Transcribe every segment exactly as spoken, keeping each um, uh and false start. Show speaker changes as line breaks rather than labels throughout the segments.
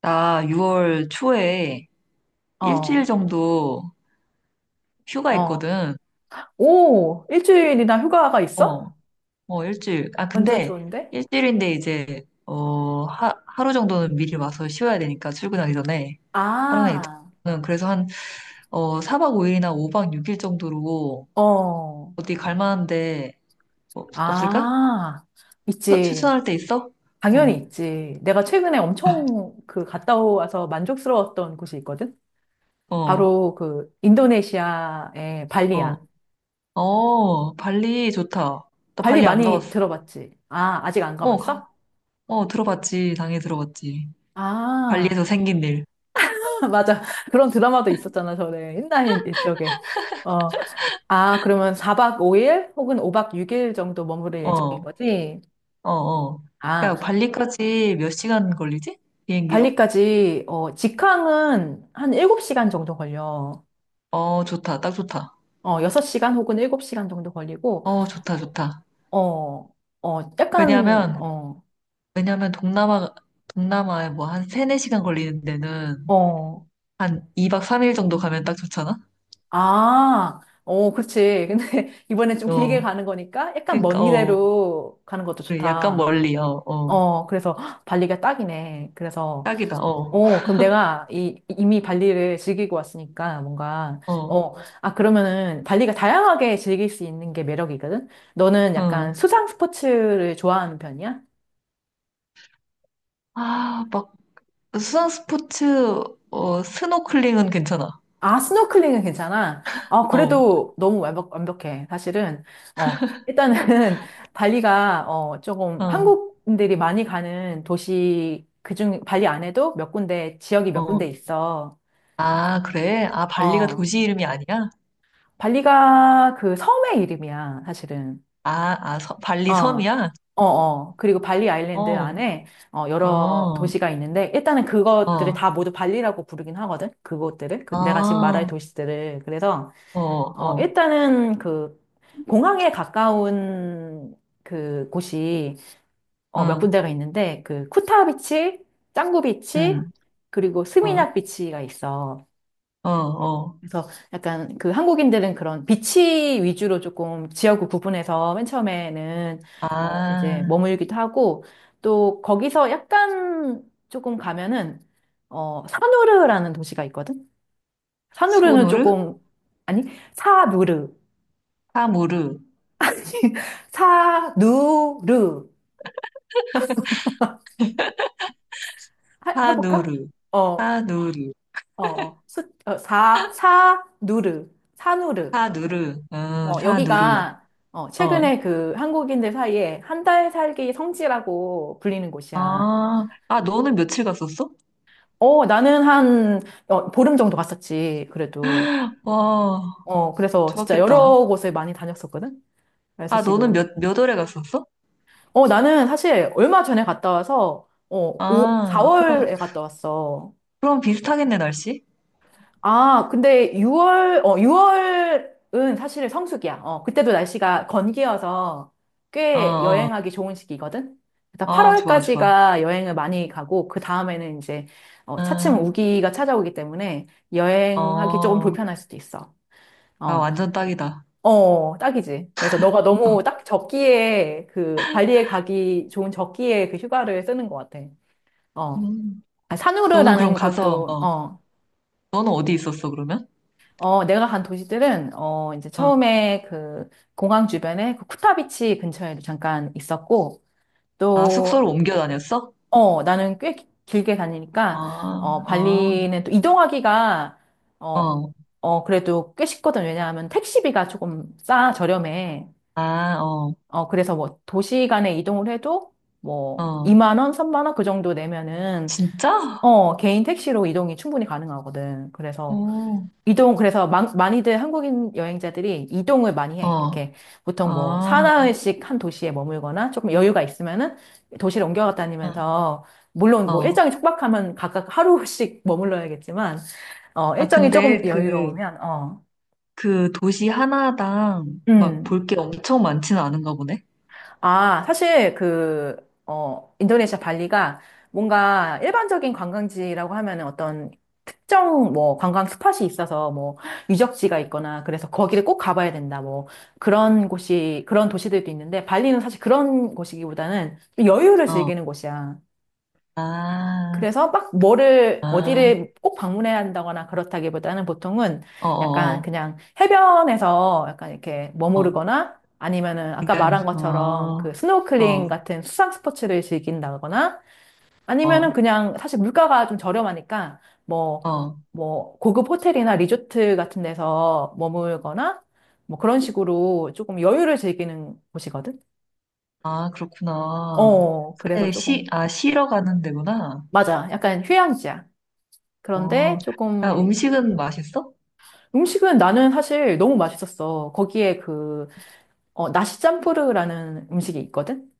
나 유월 초에 일주일
어,
정도 휴가
어.
있거든.
오, 일주일이나 휴가가 있어?
어, 어, 일주일. 아,
완전
근데
좋은데?
일주일인데 이제, 어, 하, 하루 정도는 미리 와서 쉬어야 되니까 출근하기 전에. 하루는 이제.
아,
저는 그래서 한, 어, 사 박 오 일이나 오 박 육 일 정도로
어,
어디 갈 만한데 없, 없을까?
아,
추-
있지.
추천할 데 있어? 어,
당연히 있지. 내가 최근에 엄청 그 갔다 와서 만족스러웠던 곳이 있거든?
어,
바로 그 인도네시아의 발리야.
어. 어, 발리 좋다. 나
발리
발리 안
많이
가봤어.
들어봤지? 아, 아직 안
어, 가-
가봤어?
어, 들어봤지. 당연히 들어봤지.
아,
발리에서 생긴 일.
맞아. 그런 드라마도 있었잖아, 전에. 옛날 이쪽에. 어, 아, 그러면 사 박 오 일 혹은 오 박 육 일 정도 머무를
어,
예정인
어,
거지?
어. 야,
아,
발리까지 몇 시간 걸리지? 비행기로?
발리까지, 어, 직항은 한 일곱 시간 정도 걸려.
어, 좋다. 딱 좋다.
어, 여섯 시간 혹은 일곱 시간 정도 걸리고,
어, 좋다, 좋다.
어, 어, 약간,
왜냐면,
어,
왜냐면 동남아, 동남아에 뭐 한 세네 시간 걸리는 데는
어,
한 이 박 삼 일 정도 가면 딱 좋잖아?
아, 어, 그렇지. 근데 이번엔 좀 길게
어.
가는 거니까 약간
그러니까,
먼
어.
길대로 가는 것도
그래, 약간
좋다.
멀리, 어, 어.
어, 그래서 헉, 발리가 딱이네. 그래서
딱이다, 어,
어, 그럼 내가 이, 이미 발리를 즐기고 왔으니까 뭔가,
어,
어, 아, 그러면은 발리가 다양하게 즐길 수 있는 게 매력이거든? 너는 약간
응.
수상 스포츠를 좋아하는 편이야?
아, 막, 수상 스포츠, 어, 스노클링은 괜찮아.
아, 스노클링은 괜찮아? 아,
어,
그래도 너무 완벽, 완벽해. 사실은, 어, 일단은 발리가, 어, 조금
어,
한국인들이 많이 가는 도시, 그중, 발리 안에도 몇 군데, 지역이 몇 군데
어.
있어.
아, 그래? 아, 발리가
어,
도시 이름이 아니야?
발리가 그 섬의 이름이야, 사실은.
아, 아, 서,
어,
발리 섬이야?
어, 어. 그리고 발리 아일랜드
어,
안에 어, 여러
어,
도시가 있는데 일단은 그것들을
어,
다 모두 발리라고 부르긴 하거든. 그것들을 그 내가 지금 말할
아,
도시들을 그래서
어,
어,
어,
일단은 그 공항에 가까운 그 곳이 어, 몇
응,
군데가 있는데 그 쿠타 비치, 짱구 비치,
응,
그리고
어,
스미냑 비치가 있어.
어, 어.
그래서 약간 그 한국인들은 그런 비치 위주로 조금 지역을 구분해서 맨 처음에는 어, 이제
아,
머물기도 하고 또 거기서 약간 조금 가면은 어, 사누르라는 도시가 있거든. 사누르는
소노르?
조금, 아니 사누르.
사무르,
사누르. 해 해볼까?
사누르,
어,
사누르,
어, 수, 어, 사, 사누르, 사누르.
사누르, 응,
어,
사누르,
여기가 어,
어.
최근에 그 한국인들 사이에 한 달 살기 성지라고 불리는 곳이야.
아, 아, 너는 며칠 갔었어?
어, 나는 한 어, 보름 정도 갔었지, 그래도.
와,
어, 그래서 진짜
좋았겠다.
여러 곳을 많이 다녔었거든. 그래서
아, 너는
지금.
몇, 몇 월에 갔었어?
어, 나는 사실 얼마 전에 갔다 와서 어, 오
아, 그럼,
사월에 갔다 왔어.
그럼 비슷하겠네, 날씨?
아, 근데 유월, 어, 유월은 사실 성수기야. 어, 그때도 날씨가 건기여서
어,
꽤
어,
여행하기 좋은 시기거든? 일단
어, 좋아, 좋아.
팔월까지가 여행을 많이 가고, 그 다음에는 이제, 어, 차츰
응,
우기가 찾아오기 때문에 여행하기 조금
어.
불편할 수도 있어.
아,
어,
완전 딱이다.
어, 딱이지. 그래서 너가 너무 딱 적기에 그 발리에 가기 좋은 적기에 그 휴가를 쓰는 것 같아. 어,
음.
아,
너는 그럼
산후르라는
가서,
곳도,
어,
어,
너는 어디 있었어, 그러면?
어, 내가 간 도시들은, 어, 이제
어,
처음에 그 공항 주변에 그 쿠타비치 근처에도 잠깐 있었고,
아, 숙소를
또,
옮겨 다녔어?
어, 나는 꽤 기- 길게
아,
다니니까, 어,
어,
발리는 또 이동하기가, 어,
어,
어, 그래도 꽤 쉽거든. 왜냐하면 택시비가 조금 싸, 저렴해.
아, 어,
어, 그래서 뭐 도시 간에 이동을 해도 뭐
어,
이만 원, 삼만 원 그 정도 내면은,
진짜?
어, 개인 택시로 이동이 충분히 가능하거든. 그래서
어,
이동, 그래서 많- 많이들 한국인 여행자들이 이동을 많이 해.
어,
이렇게 보통 뭐
아,
사나흘씩 한 도시에 머물거나 조금 여유가 있으면은 도시를 옮겨갔다
어.
다니면서, 물론 뭐
어.
일정이 촉박하면 각각 하루씩 머물러야겠지만, 어,
아,
일정이 조금
근데 그,
여유로우면, 어,
그 도시 하나당 막
음.
볼 게 엄청 많지는 않은가 보네?
아, 사실 그, 어, 인도네시아 발리가 뭔가 일반적인 관광지라고 하면은 어떤 특정 뭐 관광 스팟이 있어서 뭐 유적지가 있거나 그래서 거기를 꼭 가봐야 된다 뭐 그런 곳이, 그런 도시들도 있는데 발리는 사실 그런 곳이기보다는 좀 여유를
어,
즐기는 곳이야.
아,
그래서 막 뭐를
아,
어디를 꼭 방문해야 한다거나 그렇다기보다는 보통은
어,
약간
어,
그냥 해변에서 약간 이렇게
어, 어,
머무르거나, 아니면은 아까
그냥,
말한 것처럼
어,
그 스노클링
어,
같은 수상 스포츠를 즐긴다거나, 아니면은
어,
그냥 사실 물가가 좀 저렴하니까 뭐
어.
뭐 고급 호텔이나 리조트 같은 데서 머물거나 뭐 그런 식으로 조금 여유를 즐기는 곳이거든.
아, 그렇구나.
어, 그래서
그래, 시,
조금,
아, 쉬러 가는 데구나.
맞아. 약간 휴양지야.
어,
그런데
아,
조금,
음식은 맛있어?
음식은 나는 사실 너무 맛있었어. 거기에 그, 어, 나시 짬뿌르라는 음식이 있거든?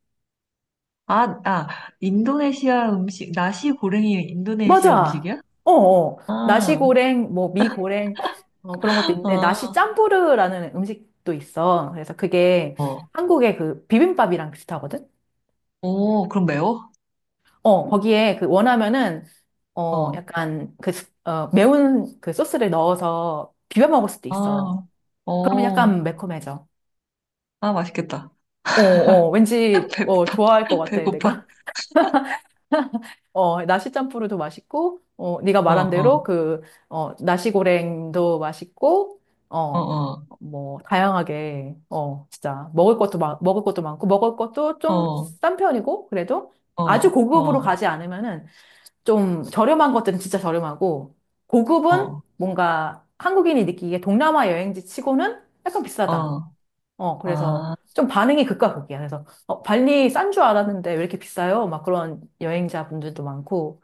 아, 아, 인도네시아 음식, 나시 고랭이 인도네시아
맞아!
음식이야?
어, 어.
아,
나시고랭, 뭐, 미고랭, 어, 그런 것도 있는데, 나시
아,
짬뿌르라는 음식도 있어. 그래서 그게
어.
한국의 그 비빔밥이랑 비슷하거든?
오, 그럼 매워?
어, 거기에 그 원하면은, 어,
어,
약간 그, 스- 어, 매운 그 소스를 넣어서 비벼 먹을 수도 있어.
아,
그러면
오,
약간 매콤해져.
아, 맛있겠다.
어, 어, 왠지, 어,
배고파,
좋아할 것 같아,
배고파.
내가. 어, 나시짬뽕도 맛있고, 어, 네가
어,
말한
어,
대로 그, 어, 나시고랭도 맛있고,
어,
어,
어,
뭐, 다양하게, 어, 진짜, 먹을 것도, 마, 먹을 것도 많고, 먹을 것도 좀
어,
싼 편이고, 그래도 아주
어,
고급으로
어,
가지 않으면은 좀 저렴한 것들은 진짜 저렴하고, 고급은
어,
뭔가 한국인이 느끼기에 동남아 여행지 치고는 약간 비싸다.
어,
어, 그래서
아,
좀 반응이 극과 극이야. 그래서, 어, 발리 싼 줄 알았는데 왜 이렇게 비싸요? 막 그런 여행자분들도 많고,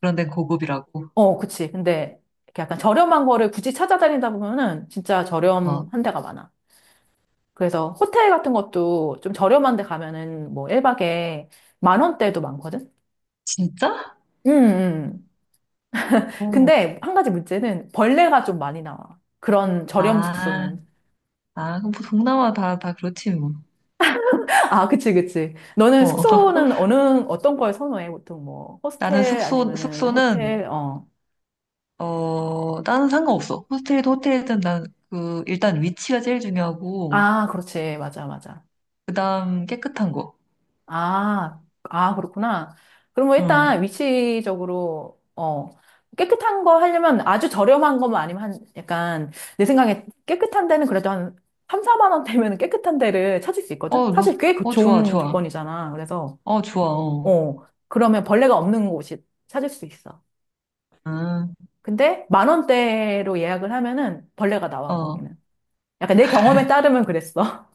그런데 고급이라고.
어, 그치. 근데 이렇게 약간 저렴한 거를 굳이 찾아다니다 보면은 진짜
어,
저렴한 데가 많아. 그래서 호텔 같은 것도 좀 저렴한 데 가면은 뭐 일 박에 만 원대도 많거든?
진짜?
음, 음. 음.
어.
근데 한 가지 문제는 벌레가 좀 많이 나와. 그런 저렴
아.
숙소는.
아, 그럼 뭐 동남아 다, 다 그렇지, 뭐.
아, 그치, 그치. 너는
어.
숙소는 어느, 어떤 걸 선호해? 보통 뭐,
나는
호스텔
숙소,
아니면은
숙소는,
호텔, 어.
어, 나는 상관없어. 호스텔이든 호텔이든 난 그, 일단 위치가 제일 중요하고,
아, 그렇지. 맞아, 맞아.
그 다음 깨끗한 거.
아, 아, 그렇구나. 그럼 뭐
응.
일단 위치적으로, 어, 깨끗한 거 하려면 아주 저렴한 거만 아니면 한, 약간, 내 생각에 깨끗한 데는 그래도 한 삼, 사만 원 되면 깨끗한 데를 찾을 수 있거든?
어, 너,
사실 꽤 그-
어, 좋아,
좋은
좋아.
조건이잖아. 그래서,
어, 좋아, 어.
어, 그러면 벌레가 없는 곳이 찾을 수 있어.
응,
근데 만 원대로 예약을 하면은 벌레가 나와,
어.
거기는. 약간 내 경험에 따르면 그랬어.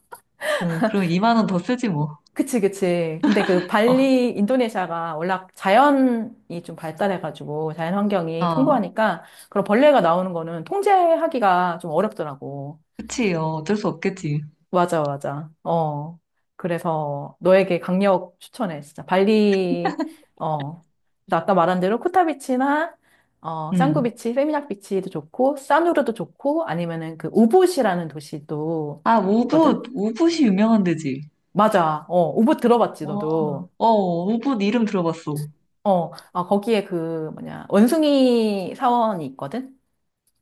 응, 그럼 이만 원 더 쓰지, 뭐.
그치, 그치. 근데 그 발리, 인도네시아가 워낙 자연이 좀 발달해가지고 자연
어,
환경이
어.
풍부하니까 그런 벌레가 나오는 거는 통제하기가 좀 어렵더라고.
그치, 어, 어쩔 수 없겠지.
맞아, 맞아. 어. 그래서 너에게 강력 추천해, 진짜. 발리, 어. 나 아까 말한 대로 코타비치나, 어,
응.
짱구비치, 세미냑 비치도 좋고, 싸누르도 좋고, 아니면은 그 우붓이라는 도시도
아,
있거든?
우붓, 우붓이 유명한 데지.
맞아. 어, 우붓 들어봤지,
어,
너도.
어, 우붓 이름 들어봤어.
어, 아, 거기에 그, 뭐냐, 원숭이 사원이 있거든?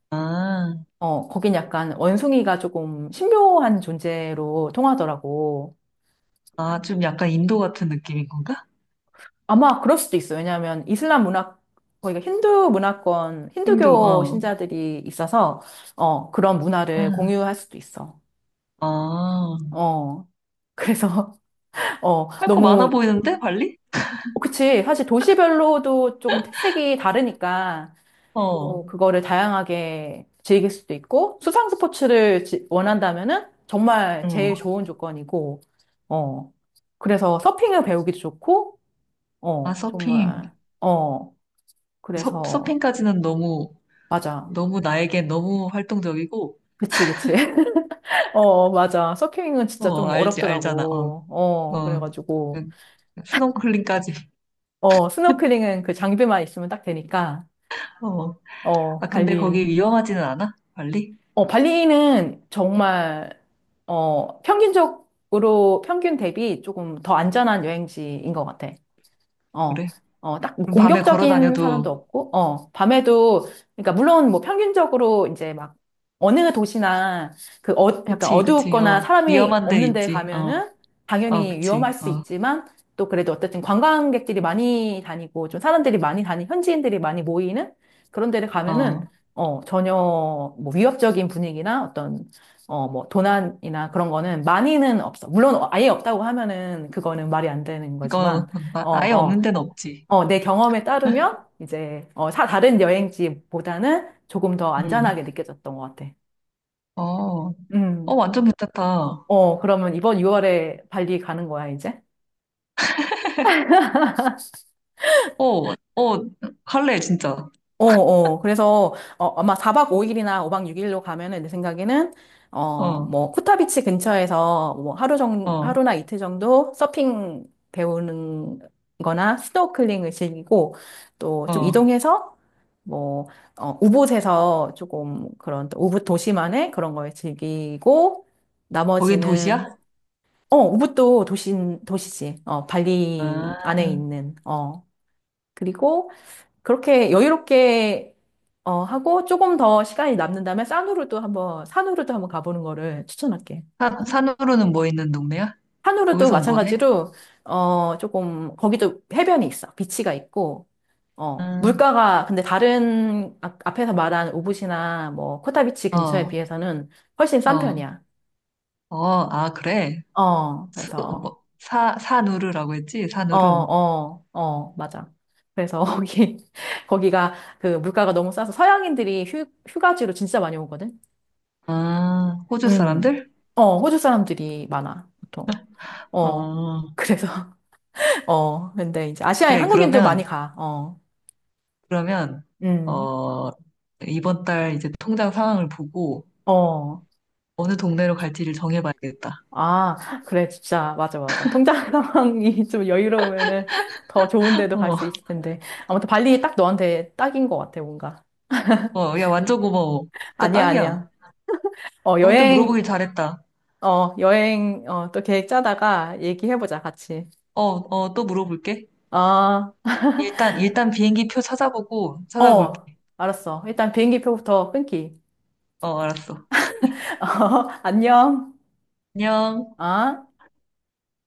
아,
어, 거긴 약간 원숭이가 조금 신묘한 존재로 통하더라고.
아, 좀 약간 인도 같은 느낌인 건가?
아마 그럴 수도 있어. 왜냐하면 이슬람 문화, 거기가 힌두 문화권,
힌두,
힌두교
어.
신자들이 있어서, 어, 그런 문화를
응.
공유할 수도 있어.
아,
어, 그래서, 어,
할 거 많아
너무,
보이는데, 발리?
그치. 사실 도시별로도 조금 특색이 다르니까,
어,
또 그거를 다양하게 즐길 수도 있고 수상 스포츠를 지- 원한다면은 정말 제일
응.
좋은 조건이고, 어, 그래서 서핑을 배우기도 좋고,
아,
어,
서핑.
정말, 어.
서,
그래서,
서핑까지는 너무,
맞아.
너무 나에겐 너무 활동적이고,
그치, 그치. 어, 맞아. 서핑은 진짜
어,
좀
알지, 알잖아, 어,
어렵더라고. 어,
어.
그래가지고,
응. 스노클링까지.
어, 스노클링은 그 장비만 있으면 딱 되니까,
어.
어,
아, 근데
관리,
거기 위험하지는 않아? 발리?
어, 발리는 정말, 어, 평균적으로, 평균 대비 조금 더 안전한 여행지인 것 같아. 어,
그래.
어, 딱뭐
그럼 밤에 걸어
공격적인 사람도
다녀도,
없고, 어, 밤에도, 그러니까 물론 뭐 평균적으로 이제 막 어느 도시나 그, 어, 약간
그치, 그치, 어.
어둡거나 사람이
위험한 데는
없는 데
있지, 어,
가면은
어,
당연히 위험할
그치,
수
어,
있지만, 또 그래도 어쨌든 관광객들이 많이 다니고 좀 사람들이 많이 다니, 현지인들이 많이 모이는 그런 데를 가면은
어.
어, 전혀 뭐 위협적인 분위기나 어떤, 어, 뭐 도난이나 그런 거는 많이는 없어. 물론 아예 없다고 하면은 그거는 말이 안 되는
이거,
거지만,
아,
어,
아예
어.
없는 데는 없지.
어, 내 경험에 따르면 이제 어, 사 다른 여행지보다는 조금 더 안전하게
음.
느껴졌던 것 같아.
어, 어,
음.
완전 괜찮다.
어, 그러면 이번 유월에 발리 가는 거야, 이제?
어, 어, 갈래, 진짜.
어, 어. 그래서, 어, 아마 사 박 오 일이나 오 박 육 일로 가면은 내 생각에는, 어,
어,
뭐, 코타비치 근처에서 뭐 하루 정,
어,
하루나 이틀 정도 서핑 배우는 거나 스노클링을 즐기고, 또 좀
어.
이동해서, 뭐, 어, 우붓에서 조금 그런, 또 우붓 도시만의 그런 걸 즐기고,
거긴
나머지는,
도시야?
어, 우붓도 도시, 도시지. 어,
아,
발리 안에 있는, 어. 그리고, 그렇게 여유롭게 어, 하고 조금 더 시간이 남는다면 산후로도 한번 산후로도 한번 가보는 거를 추천할게.
산, 산으로는 뭐 있는 동네야?
산후로도
거기선 뭐 해?
마찬가지로 어, 조금 거기도 해변이 있어. 비치가 있고, 어,
음,
물가가 근데 다른 아- 앞에서 말한 우붓이나 뭐 코타비치 근처에
어,
비해서는 훨씬 싼
어,
편이야.
어, 아, 그래.
어,
수,
그래서,
뭐, 사, 사누르라고 했지?
어,
사누르.
어, 어, 맞아. 그래서 거기 거기가 그 물가가 너무 싸서 서양인들이 휴, 휴가지로 진짜 많이 오거든.
아, 호주
음.
사람들?
어, 호주 사람들이 많아, 보통. 어.
어,
그래서, 어. 근데 이제 아시아에
그래.
한국인도 많이
그러면,
가. 어.
그러면,
음.
어, 이번 달 이제 통장 상황을 보고
어.
어느 동네로 갈지를 정해봐야겠다.
아, 그래, 진짜. 맞아, 맞아. 통장 상황이 좀 여유로우면은 더 좋은 데도 갈
어,
수 있을 텐데. 아무튼 발리 딱 너한테 딱인 것 같아, 뭔가.
어, 야, 완전 고마워. 진짜
아니야, 아니야.
딱이야.
어,
너한테
여행,
물어보길 잘했다.
어, 여행, 어, 또 계획 짜다가 얘기해보자, 같이.
어, 어, 또 물어볼게.
아,
일단, 일단 비행기 표 찾아보고 찾아볼게.
어, 알았어. 일단 비행기 표부터 끊기.
어, 알았어.
어, 안녕.
안녕.
아.